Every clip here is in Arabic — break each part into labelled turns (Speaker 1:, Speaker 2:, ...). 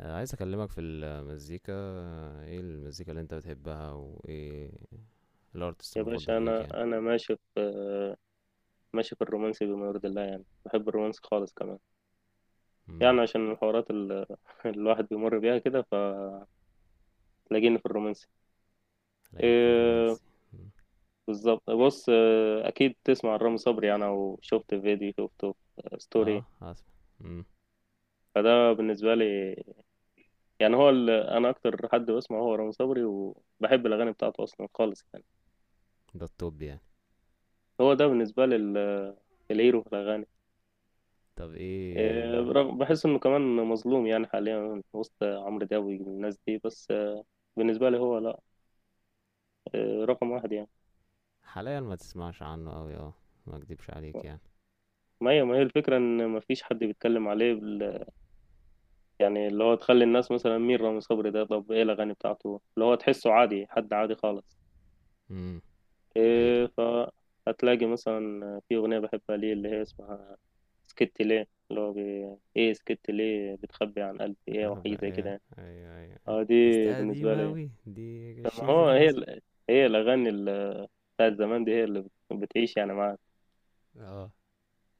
Speaker 1: عايز اكلمك في المزيكا، ايه المزيكا اللي انت بتحبها وايه الارتست
Speaker 2: يا باشا
Speaker 1: المفضل ليك
Speaker 2: انا
Speaker 1: يعني.
Speaker 2: انا ماشي في الرومانسي بما يرضي الله، يعني بحب الرومانسي خالص كمان.
Speaker 1: امم
Speaker 2: يعني عشان الحوارات الواحد بيمر بيها كده، فتلاقيني في الرومانسي.
Speaker 1: الاقيك في
Speaker 2: إيه
Speaker 1: الرومانسي. مم.
Speaker 2: بالظبط. بص، اكيد تسمع عن رامي صبري يعني، او شفت فيديو شفته في ستوري.
Speaker 1: اه، اسمع. امم
Speaker 2: فده بالنسبه لي يعني. هو انا اكتر حد بسمع هو رامي صبري، وبحب الاغاني بتاعته اصلا خالص يعني.
Speaker 1: ده التوب يعني.
Speaker 2: هو ده بالنسبه لي الهيرو في الاغاني.
Speaker 1: طب
Speaker 2: إيه،
Speaker 1: ايه؟
Speaker 2: برغم بحس انه كمان مظلوم يعني حاليا وسط عمرو دياب والناس دي، بس بالنسبة لي هو لا، رقم واحد يعني.
Speaker 1: حاليا ما تسمعش عنه قوي، اه ما اكدبش عليك يعني.
Speaker 2: ما هي الفكرة ان ما فيش حد بيتكلم عليه يعني، اللي هو تخلي الناس مثلا مين رامي صبري ده؟ طب ايه الاغاني بتاعته اللي هو تحسه عادي، حد عادي خالص.
Speaker 1: امم حقيقة.
Speaker 2: إيه فهتلاقي مثلا في اغنية بحبها، ليه اللي هي اسمها سكت ليه، اللي هو ايه سكت ليه، بتخبي عن قلبي ايه، وحاجة زي كده
Speaker 1: ايوه
Speaker 2: يعني.
Speaker 1: ايوه ايوه أيوة.
Speaker 2: اه دي
Speaker 1: بس دي
Speaker 2: بالنسبة
Speaker 1: قديمة
Speaker 2: لي.
Speaker 1: اوي، دي
Speaker 2: طب ما
Speaker 1: 20
Speaker 2: هو
Speaker 1: سنة
Speaker 2: هي
Speaker 1: مثلا.
Speaker 2: هي الاغاني بتاعت زمان دي، هي اللي بتعيش يعني معاك.
Speaker 1: اه،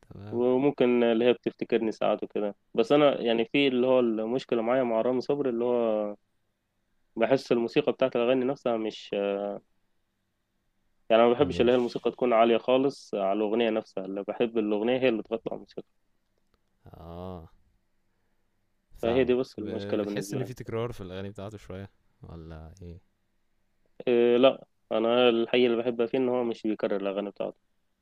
Speaker 1: تمام.
Speaker 2: وممكن اللي هي بتفتكرني ساعات وكده. بس انا يعني، في اللي هو المشكله معايا مع رامي صبري، اللي هو بحس الموسيقى بتاعت الاغاني نفسها مش، يعني ما بحبش اللي
Speaker 1: مش
Speaker 2: هي الموسيقى تكون عاليه خالص على الاغنيه نفسها. اللي بحب الاغنيه هي اللي تغطي على الموسيقى.
Speaker 1: اه
Speaker 2: فهي
Speaker 1: فاهمك،
Speaker 2: دي بس المشكله
Speaker 1: بتحس
Speaker 2: بالنسبه
Speaker 1: ان في
Speaker 2: لي.
Speaker 1: تكرار في الاغاني بتاعته شوية ولا ايه؟
Speaker 2: إيه لا، انا الحقيقه اللي بحبها فيه ان هو مش بيكرر الاغاني بتاعته.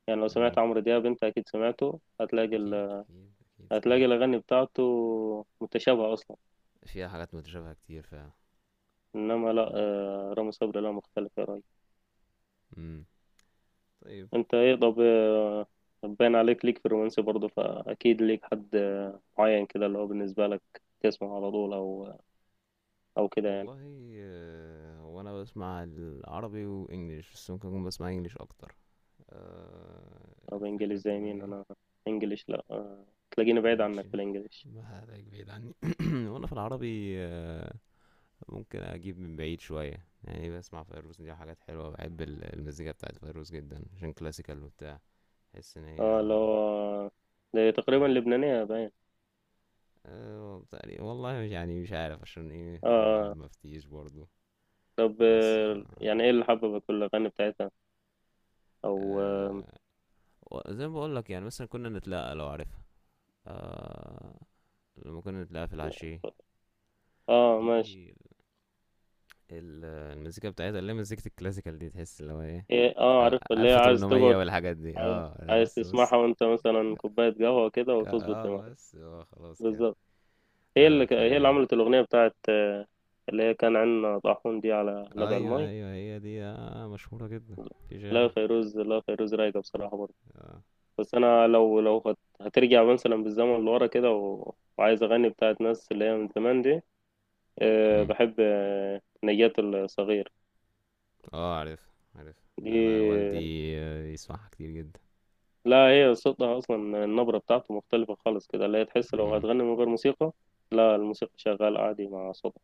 Speaker 2: يعني لو
Speaker 1: امم
Speaker 2: سمعت عمرو دياب، انت اكيد سمعته، هتلاقي
Speaker 1: اكيد اكيد اكيد
Speaker 2: هتلاقي
Speaker 1: سمعت،
Speaker 2: الاغاني بتاعته متشابهه اصلا.
Speaker 1: فيها حاجات متشابهة كتير فعلا.
Speaker 2: انما لا،
Speaker 1: يا.
Speaker 2: رامي صبري لا، مختلف يا راجل.
Speaker 1: امم طيب.
Speaker 2: انت ايه؟ طب باين عليك ليك في الرومانسي برضه، فاكيد ليك حد معين كده، اللي هو بالنسبه لك تسمع على طول، او كده يعني.
Speaker 1: والله هو انا بسمع العربي وانجليش، بس ممكن اكون بسمع انجليش اكتر.
Speaker 2: طب انجليش
Speaker 1: الفكرة
Speaker 2: زي
Speaker 1: كلها
Speaker 2: مين؟
Speaker 1: ايه.
Speaker 2: انا انجليش لا، تلاقيني بعيد عنك
Speaker 1: مالكش،
Speaker 2: في الانجليش.
Speaker 1: ما عليك بعيد عني. وانا في العربي ممكن اجيب من بعيد شوية، يعني بسمع فيروز. دي حاجات حلوة، بحب المزيكا بتاعت فيروز جدا عشان كلاسيكال وبتاع. بحس ان
Speaker 2: اه، اللي
Speaker 1: هي
Speaker 2: هو آه، ده تقريبا
Speaker 1: اه.
Speaker 2: لبنانيه باين.
Speaker 1: تقريبا والله، مش يعني مش عارف عشان ايه،
Speaker 2: اه،
Speaker 1: ما
Speaker 2: آه.
Speaker 1: مفتيش برضو.
Speaker 2: طب
Speaker 1: بس
Speaker 2: يعني ايه
Speaker 1: آه،
Speaker 2: اللي حببك في الاغاني بتاعتها؟ او اه،
Speaker 1: آه، و- زي ما بقول لك، يعني مثلا كنا نتلاقى لو عارفها. آه، لما كنا نتلاقى في العشية
Speaker 2: ماشي.
Speaker 1: دي، المزيكا بتاعتها اللي هي مزيكة الكلاسيكال دي، تحس اللي هو ايه،
Speaker 2: إيه اه عارف، اللي هي
Speaker 1: ألف
Speaker 2: عايز
Speaker 1: تمنمية
Speaker 2: تقعد،
Speaker 1: والحاجات دي.
Speaker 2: عايز
Speaker 1: اه لا
Speaker 2: عايز
Speaker 1: بس بص،
Speaker 2: تسمعها وانت مثلا كوبايه قهوه كده،
Speaker 1: ك-
Speaker 2: وتظبط
Speaker 1: اه
Speaker 2: دماغك.
Speaker 1: بس اه خلاص كده.
Speaker 2: بالظبط. هي
Speaker 1: لا
Speaker 2: اللي هي اللي
Speaker 1: فجميل.
Speaker 2: عملت الأغنية بتاعت اللي هي كان عندنا طاحون دي، على نبع
Speaker 1: ايوه
Speaker 2: المي.
Speaker 1: ايوه، هي دي آه، مشهورة جدا. في
Speaker 2: لا يا
Speaker 1: غيرها؟
Speaker 2: فيروز، لا يا فيروز رايقة بصراحة برضه.
Speaker 1: اه.
Speaker 2: بس أنا لو لو هترجع مثلا بالزمن لورا كده وعايز أغني بتاعت ناس اللي هي من زمان دي، أه
Speaker 1: مم.
Speaker 2: بحب نجاة الصغير.
Speaker 1: آه، عارفها عارفها.
Speaker 2: دي
Speaker 1: أنا والدي يسمعها كتير جدا.
Speaker 2: لا، هي صوتها أصلا النبرة بتاعته مختلفة خالص كده، اللي هي تحس لو
Speaker 1: امم
Speaker 2: هتغني من غير موسيقى. لا الموسيقى شغالة عادي مع صوتها.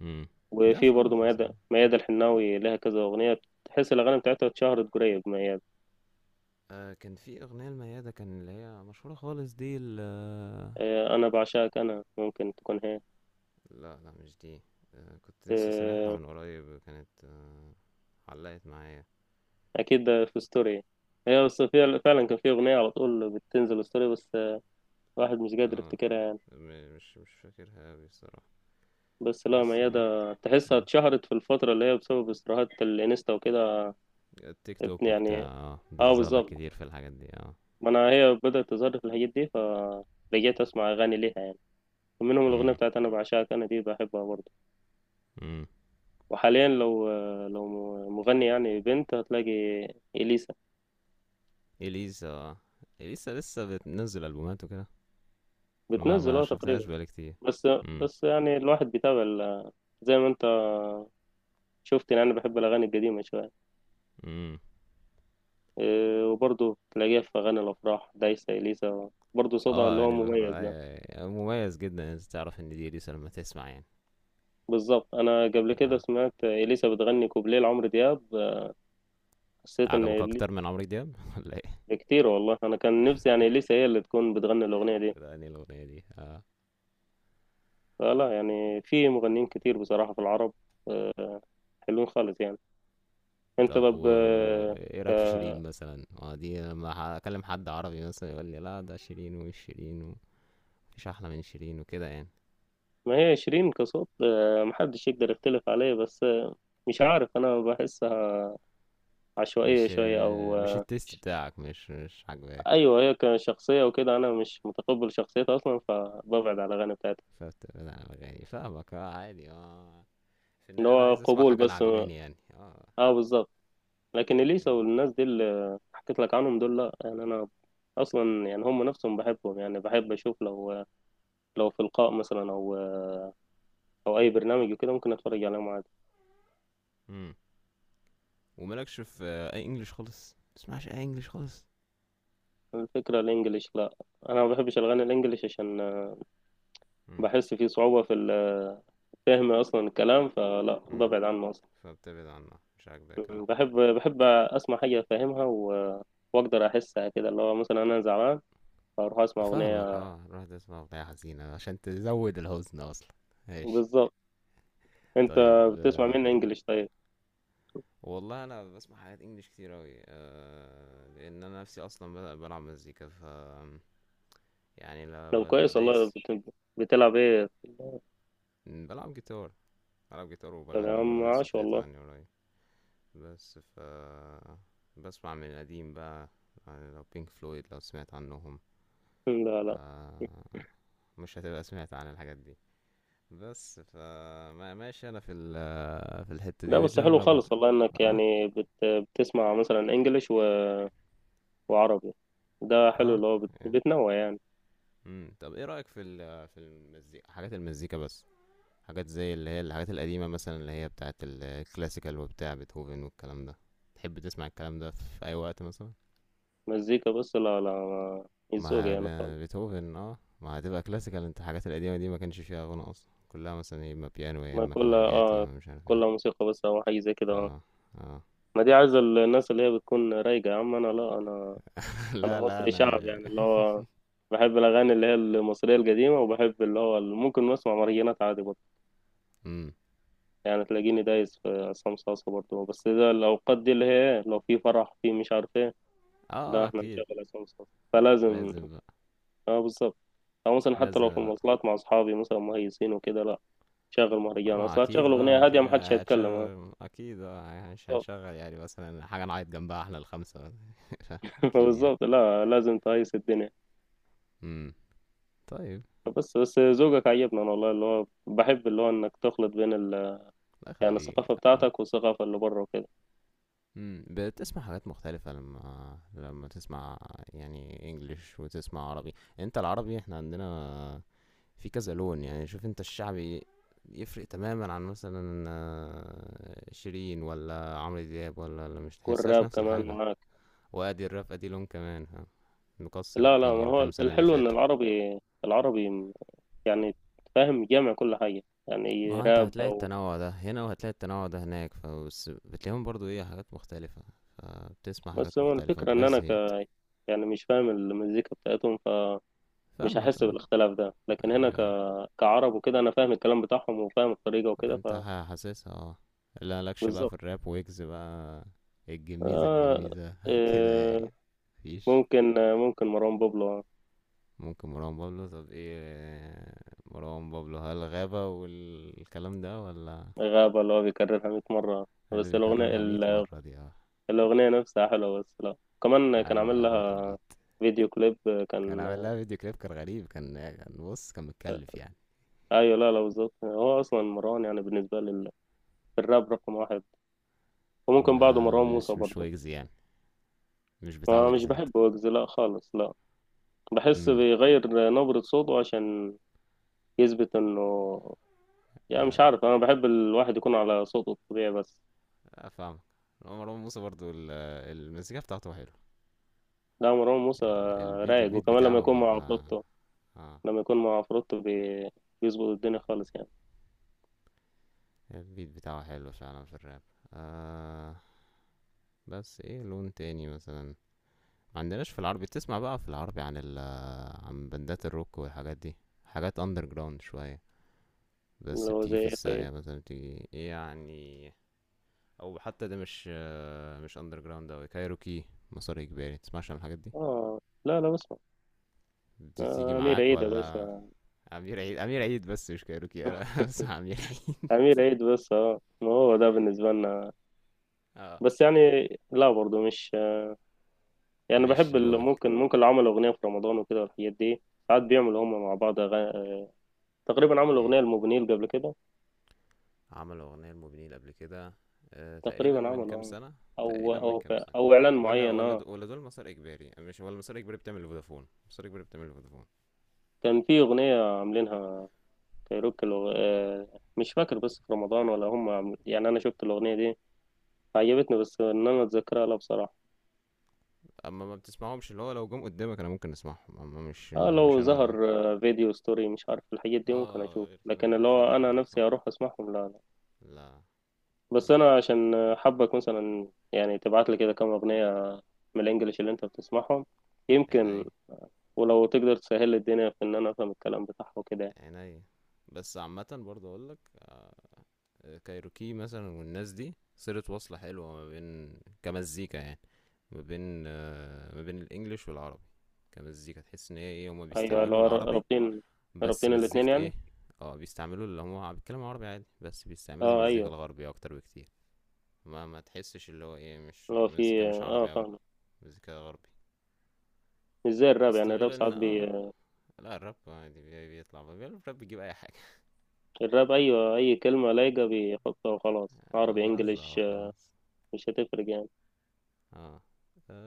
Speaker 1: امم ده.
Speaker 2: وفي برضه ميادة الحناوي، لها كذا أغنية تحس الأغاني بتاعتها اتشهرت قريب. ميادة،
Speaker 1: آه، كان في أغنية لميادة كان، اللي هي مشهورة خالص دي ال آه،
Speaker 2: أنا بعشاك أنا، ممكن تكون هي.
Speaker 1: لا لا، مش دي. آه، كنت لسه سامعها
Speaker 2: آه،
Speaker 1: من قريب، كانت آه، علقت معايا.
Speaker 2: أكيد ده في ستوري، هي بس فعلا كان في أغنية على طول بتنزل ستوري، بس واحد مش قادر
Speaker 1: اه،
Speaker 2: يفتكرها يعني.
Speaker 1: مش فاكرها أوي الصراحة.
Speaker 2: بس لا،
Speaker 1: بس اه
Speaker 2: ميادة تحسها
Speaker 1: مم.
Speaker 2: اتشهرت في الفترة اللي هي بسبب استراحات الإنستا وكده.
Speaker 1: التيك توك وبتاع،
Speaker 2: يعني
Speaker 1: اه
Speaker 2: اه
Speaker 1: بتظهر لك كتير
Speaker 2: بالظبط،
Speaker 1: في الحاجات دي، اه.
Speaker 2: ما أنا هي بدأت تظهر في الحاجات دي، فرجعت أسمع أغاني ليها يعني. منهم الأغنية
Speaker 1: امم
Speaker 2: بتاعت أنا بعشاك أنا دي، بحبها برضه.
Speaker 1: امم
Speaker 2: وحاليا لو، لو مغني يعني بنت، هتلاقي إليسا.
Speaker 1: إليسا. آه. إليسا لسه بتنزل ألبومات وكده؟ ما
Speaker 2: بتنزل
Speaker 1: ما
Speaker 2: اه
Speaker 1: شفتهاش
Speaker 2: تقريبا.
Speaker 1: بقالي كتير.
Speaker 2: بس،
Speaker 1: امم
Speaker 2: بس يعني الواحد بيتابع زي ما انت شفت، يعني انا بحب الاغاني القديمه شويه.
Speaker 1: امم
Speaker 2: إيه، وبرضه تلاقيها في اغاني الافراح دايسه. اليسا برضه صوتها
Speaker 1: اه
Speaker 2: اللي هو
Speaker 1: يعني الأخرى،
Speaker 2: مميز ده.
Speaker 1: أيوة، أيوة. مميز جدا إن انت تعرف ان دي اليسا لما تسمع يعني.
Speaker 2: بالظبط، انا قبل كده
Speaker 1: اه،
Speaker 2: سمعت اليسا بتغني كوبليه لعمرو دياب، حسيت ان
Speaker 1: عجبك اكتر من عمرو دياب ولا ايه؟
Speaker 2: كتير والله. انا كان نفسي يعني اليسا هي اللي تكون بتغني الاغنيه دي.
Speaker 1: ده انهي الاغنيه دي، اه.
Speaker 2: فلا يعني في مغنيين كتير بصراحه في العرب، آه، حلوين خالص يعني. انت
Speaker 1: طب
Speaker 2: طب
Speaker 1: و ايه رايك في شيرين مثلا؟ اه دي لما اكلم حد عربي مثلا يقول لي لا ده شيرين، ومش شيرين ومفيش احلى من شيرين وكده يعني.
Speaker 2: ما هي شيرين كصوت محدش يقدر يختلف عليه، بس مش عارف، انا بحسها عشوائية
Speaker 1: مش
Speaker 2: شوية، او
Speaker 1: مش التيست بتاعك، مش عاجباك.
Speaker 2: ايوه هي كشخصية وكده انا مش متقبل شخصيتها اصلا، فببعد على الاغاني بتاعتها.
Speaker 1: فبتبعد عن الاغاني. فاهمك، اه عادي اه، في
Speaker 2: ان
Speaker 1: النهايه انا
Speaker 2: هو
Speaker 1: عايز اسمع
Speaker 2: قبول
Speaker 1: حاجه انا
Speaker 2: بس.
Speaker 1: عجباني يعني اه.
Speaker 2: اه بالظبط، لكن اليسا
Speaker 1: مم.
Speaker 2: والناس دي اللي حكيت لك عنهم دول لا يعني، انا اصلا يعني هم نفسهم بحبهم، يعني بحب اشوف لو، لو في لقاء مثلا، او او اي برنامج وكده، ممكن اتفرج عليهم عادي.
Speaker 1: امم ومالكش في اي انجليش خالص؟ تسمعش اي انجليش خالص؟
Speaker 2: الفكرة الانجليش لا، انا ما بحبش الاغاني الانجليش، عشان
Speaker 1: امم
Speaker 2: بحس فيه صعوبة في فهم أصلا الكلام، فلا
Speaker 1: امم
Speaker 2: ببعد عنه أصلا.
Speaker 1: فبتبعد عنها، مش عاجباك اوي.
Speaker 2: بحب أسمع حاجة أفهمها وأقدر أحسها، كده اللي هو مثلا أنا زعلان، فأروح أسمع
Speaker 1: فاهمك،
Speaker 2: أغنية.
Speaker 1: اه، روح تسمع اغنية حزينة عشان تزود الحزن اصلا. ماشي.
Speaker 2: بالظبط. أنت
Speaker 1: طيب
Speaker 2: بتسمع
Speaker 1: آه،
Speaker 2: مين إنجلش طيب؟
Speaker 1: والله انا بسمع حاجات انجليش كتير اوي آه، لان انا نفسي اصلا بلعب مزيكا، ف يعني
Speaker 2: لو
Speaker 1: لما
Speaker 2: كويس والله
Speaker 1: بدايس.
Speaker 2: بتلعب إيه؟
Speaker 1: بلعب جيتار، بلعب جيتار
Speaker 2: طب يا
Speaker 1: وبغني
Speaker 2: عم
Speaker 1: برضه، لسه
Speaker 2: عاش
Speaker 1: ابتديت
Speaker 2: والله.
Speaker 1: اغني قريب. بس ف بسمع من القديم بقى، يعني لو بينك فلويد لو سمعت عنهم.
Speaker 2: لا لا
Speaker 1: آه، مش هتبقى سمعت عن الحاجات دي. بس فما ماشي، انا في ال في الحتة
Speaker 2: لا.
Speaker 1: دي
Speaker 2: بس حلو
Speaker 1: والجانرا بقى.
Speaker 2: خالص والله إنك
Speaker 1: اه.
Speaker 2: يعني بتسمع مثلا إنجلش وعربي. ده حلو،
Speaker 1: اه.
Speaker 2: اللي هو بتنوع يعني.
Speaker 1: طب ايه رأيك في ال في المزيكا، حاجات المزيكا بس، حاجات زي اللي هي الحاجات القديمة مثلا، اللي هي بتاعت الكلاسيكال وبتاع بيتهوفن والكلام ده. تحب تسمع الكلام ده في اي وقت مثلا؟
Speaker 2: مزيكا بس؟ لا لا مش ذوقي
Speaker 1: ما
Speaker 2: يعني.
Speaker 1: بيتهوفن اه، ما هتبقى كلاسيكال. انت الحاجات القديمة دي ما كانش فيها غنى اصلا، كلها مثلا يا اما بيانو يا
Speaker 2: ما
Speaker 1: اما
Speaker 2: كل
Speaker 1: كمانجات يا اما مش عارف
Speaker 2: كل
Speaker 1: ايه.
Speaker 2: موسيقى بس، او حاجه زي كده اه.
Speaker 1: اه. اه.
Speaker 2: ما دي عايزه الناس اللي هي بتكون رايقه. يا عم انا لا، انا انا
Speaker 1: لا لا
Speaker 2: مصري شعب
Speaker 1: انا.
Speaker 2: يعني، اللي هو بحب الاغاني اللي هي المصريه القديمه. وبحب اللي هو ممكن نسمع مهرجانات عادي برضه
Speaker 1: امم
Speaker 2: يعني. تلاقيني دايس في عصام صاصا برضه، بس ده الاوقات دي اللي هي إيه، لو في فرح، في مش عارف ايه.
Speaker 1: اه
Speaker 2: ده احنا
Speaker 1: اكيد.
Speaker 2: نشغل عصام صاصا فلازم.
Speaker 1: لازم بقى.
Speaker 2: اه بالظبط. او مثلا حتى لو في
Speaker 1: نازل بقى.
Speaker 2: المواصلات مع اصحابي مثلا مهيسين وكده، لا شغل مهرجان.
Speaker 1: ما
Speaker 2: اصلا
Speaker 1: اكيد
Speaker 2: هتشغل
Speaker 1: بقى
Speaker 2: اغنيه هاديه؟ محدش
Speaker 1: كده
Speaker 2: هيتكلم.
Speaker 1: هتشغل اكيد، اه مش
Speaker 2: اه
Speaker 1: هنشغل يعني مثلا حاجه نعيط جنبها احنا الخمسه. اكيد يعني.
Speaker 2: فبالظبط لا، لازم تقيس الدنيا.
Speaker 1: امم طيب.
Speaker 2: بس بس ذوقك عجبني انا والله، اللي هو بحب اللي هو انك تخلط بين
Speaker 1: لا
Speaker 2: يعني
Speaker 1: خليك.
Speaker 2: الثقافه
Speaker 1: اه.
Speaker 2: بتاعتك والثقافه اللي بره وكده.
Speaker 1: بتسمع حاجات مختلفه لما تسمع، يعني انجليش وتسمع عربي. انت العربي احنا عندنا في كذا لون. يعني شوف انت الشعبي يفرق تماما عن مثلا شيرين ولا عمرو دياب ولا. مش تحسهاش
Speaker 2: والراب
Speaker 1: نفس
Speaker 2: كمان
Speaker 1: الحاجة.
Speaker 2: معاك؟
Speaker 1: وادي الراب ادي لون كمان، ها، مكسر
Speaker 2: لا لا،
Speaker 1: الدنيا
Speaker 2: ما هو
Speaker 1: الكام سنة اللي
Speaker 2: الحلو ان
Speaker 1: فاتوا.
Speaker 2: العربي، العربي يعني فاهم، جامع كل حاجه
Speaker 1: ما
Speaker 2: يعني،
Speaker 1: هو انت
Speaker 2: راب
Speaker 1: هتلاقي
Speaker 2: او.
Speaker 1: التنوع ده هنا، وهتلاقي التنوع ده هناك، فبس بتلاقيهم برضو ايه، حاجات مختلفة. فبتسمع حاجات
Speaker 2: بس هو
Speaker 1: مختلفة،
Speaker 2: الفكره ان
Speaker 1: متبقاش
Speaker 2: انا ك،
Speaker 1: زهقت.
Speaker 2: يعني مش فاهم المزيكا بتاعتهم، فمش
Speaker 1: فاهمك
Speaker 2: هحس
Speaker 1: اه،
Speaker 2: بالاختلاف ده. لكن هنا
Speaker 1: ايوه ايوه.
Speaker 2: كعرب وكده انا فاهم الكلام بتاعهم، وفاهم الطريقه وكده،
Speaker 1: انت حاسسها اه. لا لكش بقى في
Speaker 2: فبالظبط.
Speaker 1: الراب ويجز بقى. الجميزة
Speaker 2: آه...
Speaker 1: الجميزة، كده
Speaker 2: آه،
Speaker 1: يعني. مفيش.
Speaker 2: ممكن مروان بابلو.
Speaker 1: ممكن مروان بابلو. طب ايه مروان بابلو، هل غابة والكلام ده ولا؟
Speaker 2: غابة اللي هو بيكررها 100 مرة.
Speaker 1: اللي
Speaker 2: بس الأغنية
Speaker 1: بيكررها مية مرة دي اه.
Speaker 2: الأغنية نفسها حلوة. بس لا، كمان كان
Speaker 1: عجبك،
Speaker 2: عامل
Speaker 1: عجبك
Speaker 2: لها
Speaker 1: البيت.
Speaker 2: فيديو كليب
Speaker 1: كان
Speaker 2: كان.
Speaker 1: عامل لها فيديو كليب كان غريب، كان كان بص كان متكلف يعني.
Speaker 2: أيوة لا لا بالظبط، هو أصلا مروان يعني بالنسبة لي الراب رقم واحد. وممكن بعده
Speaker 1: ما
Speaker 2: مروان موسى
Speaker 1: مش
Speaker 2: برضه.
Speaker 1: ويجز يعني، مش بتاع
Speaker 2: ما مش
Speaker 1: ويجز انت.
Speaker 2: بحب ويجز، لا خالص لا. بحس
Speaker 1: امم
Speaker 2: بيغير نبرة صوته عشان يثبت إنه، يعني مش عارف، أنا بحب الواحد يكون على صوته الطبيعي بس.
Speaker 1: افهمك. هو مروان موسى برضو المزيكا بتاعته حلوه.
Speaker 2: لا مروان موسى
Speaker 1: الفيديو،
Speaker 2: رايق،
Speaker 1: البيت
Speaker 2: وكمان لما
Speaker 1: بتاعه
Speaker 2: يكون مع
Speaker 1: بيبقى
Speaker 2: عفروتو،
Speaker 1: اه،
Speaker 2: لما يكون مع عفروتو بيظبط الدنيا خالص يعني.
Speaker 1: البيت بتاعه حلو فعلا في الراب. آه بس ايه لون تاني مثلا ما عندناش في العربي؟ بتسمع بقى في العربي عن عن بندات الروك والحاجات دي، حاجات اندر جراوند شوية،
Speaker 2: اللي
Speaker 1: بس
Speaker 2: هو
Speaker 1: بتيجي
Speaker 2: زي
Speaker 1: في
Speaker 2: ايه طيب؟
Speaker 1: الساقية مثلا، بتيجي يعني. او حتى ده مش مش اندر جراوند اوي، كايروكي، مسار اجباري. تسمعش عن الحاجات دي؟
Speaker 2: اه لا لا بسمع.
Speaker 1: بتيجي
Speaker 2: امير
Speaker 1: معاك
Speaker 2: عيد يا
Speaker 1: ولا؟
Speaker 2: باشا.
Speaker 1: امير عيد، امير عيد بس مش كايروكي انا. بسمع امير عيد
Speaker 2: امير عيد بس، اه ما هو ده بالنسبه لنا.
Speaker 1: اه.
Speaker 2: بس يعني لا برضه مش، يعني
Speaker 1: مش
Speaker 2: بحب
Speaker 1: لونك.
Speaker 2: ممكن اللي عملوا اغنيه في رمضان وكده والحاجات دي. ساعات بيعملوا هم مع بعض أغاني. تقريبا عملوا
Speaker 1: م.
Speaker 2: اغنيه لموبينيل قبل كده.
Speaker 1: عمل أغنية لموبينيل قبل كده. آه تقريبا
Speaker 2: تقريبا
Speaker 1: من
Speaker 2: عملوا
Speaker 1: كام سنة.
Speaker 2: او
Speaker 1: تقريبا من
Speaker 2: او ف-
Speaker 1: كام سنة.
Speaker 2: او اعلان
Speaker 1: ولا
Speaker 2: معين
Speaker 1: ولا
Speaker 2: اه.
Speaker 1: دو ولا دول مسار إجباري يعني؟ مش ولا مسار إجباري بتعمل لفودافون؟ مسار إجباري بتعمل لفودافون.
Speaker 2: كان في اغنيه عاملينها كايروكي مش فاكر بس في رمضان، ولا هم يعني انا شفت الاغنيه دي عجبتني، بس ان انا اتذكرها لا بصراحه.
Speaker 1: أما ما بتسمعهمش، اللي هو لو جم قدامك أنا ممكن أسمعهم، أما مش
Speaker 2: اه
Speaker 1: مش
Speaker 2: لو
Speaker 1: أنا.
Speaker 2: ظهر فيديو ستوري مش عارف الحاجات دي، ممكن
Speaker 1: اه،
Speaker 2: اشوف.
Speaker 1: غير كده
Speaker 2: لكن اللي
Speaker 1: مش أنا
Speaker 2: هو
Speaker 1: اللي
Speaker 2: انا
Speaker 1: أروح
Speaker 2: نفسي
Speaker 1: أسمعهم.
Speaker 2: اروح اسمعهم لا لا.
Speaker 1: لا.
Speaker 2: بس
Speaker 1: امم
Speaker 2: انا عشان حابك مثلا، يعني تبعت لي كده كام اغنيه من الانجليش اللي انت بتسمعهم يمكن.
Speaker 1: عيني.
Speaker 2: ولو تقدر تسهل لي الدنيا في ان انا افهم الكلام بتاعه وكده يعني.
Speaker 1: عيني. بس عامة برضه أقول لك كايروكي مثلا والناس دي صلة، وصلة حلوة ما بين كمزيكا يعني، ما بين ما بين الانجليش والعربي. كمزيكا تحس ان هي ايه، هما
Speaker 2: ايوه اللي
Speaker 1: بيستعملوا
Speaker 2: هو
Speaker 1: العربي،
Speaker 2: رابطين،
Speaker 1: بس
Speaker 2: رابطين الاتنين
Speaker 1: مزيكة
Speaker 2: يعني.
Speaker 1: ايه. اه بيستعملوا، اللي هما بيتكلموا عربي عادي، بس بيستعملوا
Speaker 2: اه
Speaker 1: المزيكا
Speaker 2: ايوه،
Speaker 1: الغربية اكتر بكتير. ما ما تحسش اللي هو ايه، مش
Speaker 2: اللي هو
Speaker 1: المزيكا
Speaker 2: في
Speaker 1: مش عربي اوي،
Speaker 2: فاهم.
Speaker 1: مزيكا غربي.
Speaker 2: مش زي الراب
Speaker 1: بس ده
Speaker 2: يعني، الراب
Speaker 1: غير ان
Speaker 2: ساعات
Speaker 1: اه، لا الراب عادي بيطلع بقى الراب بيجيب اي حاجة.
Speaker 2: الراب ايوه اي كلمه لايقه بيحطها وخلاص، عربي
Speaker 1: اه رزع
Speaker 2: انجليش
Speaker 1: وخلاص.
Speaker 2: مش هتفرق يعني.
Speaker 1: اه.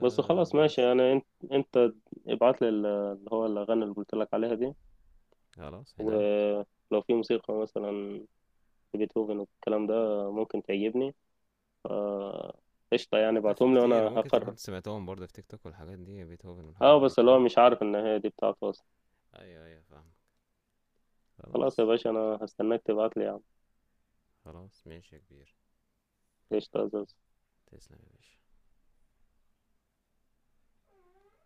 Speaker 2: بس خلاص
Speaker 1: بس.
Speaker 2: ماشي. انت ابعت لي اللي هو الاغاني اللي قلت لك عليها دي.
Speaker 1: خلاص عينيا.
Speaker 2: ولو في موسيقى مثلا بيتهوفن والكلام ده ممكن تعجبني، ف- قشطة يعني.
Speaker 1: اه ده في
Speaker 2: ابعتهم لي
Speaker 1: كتير،
Speaker 2: وانا
Speaker 1: وممكن
Speaker 2: هقرر.
Speaker 1: تكون سمعتهم برضه في تيك توك والحاجات دي، بيتهوفن والحاجات
Speaker 2: اه
Speaker 1: دي
Speaker 2: بس اللي هو
Speaker 1: اكيد.
Speaker 2: مش عارف ان هي دي بتاعته اصلا.
Speaker 1: ايوه ايوه، فاهم.
Speaker 2: خلاص
Speaker 1: خلاص.
Speaker 2: يا باشا، انا هستناك تبعت لي يا عم.
Speaker 1: خلاص ماشي يا كبير.
Speaker 2: قشطة يا زوز.
Speaker 1: تسلم يا باشا.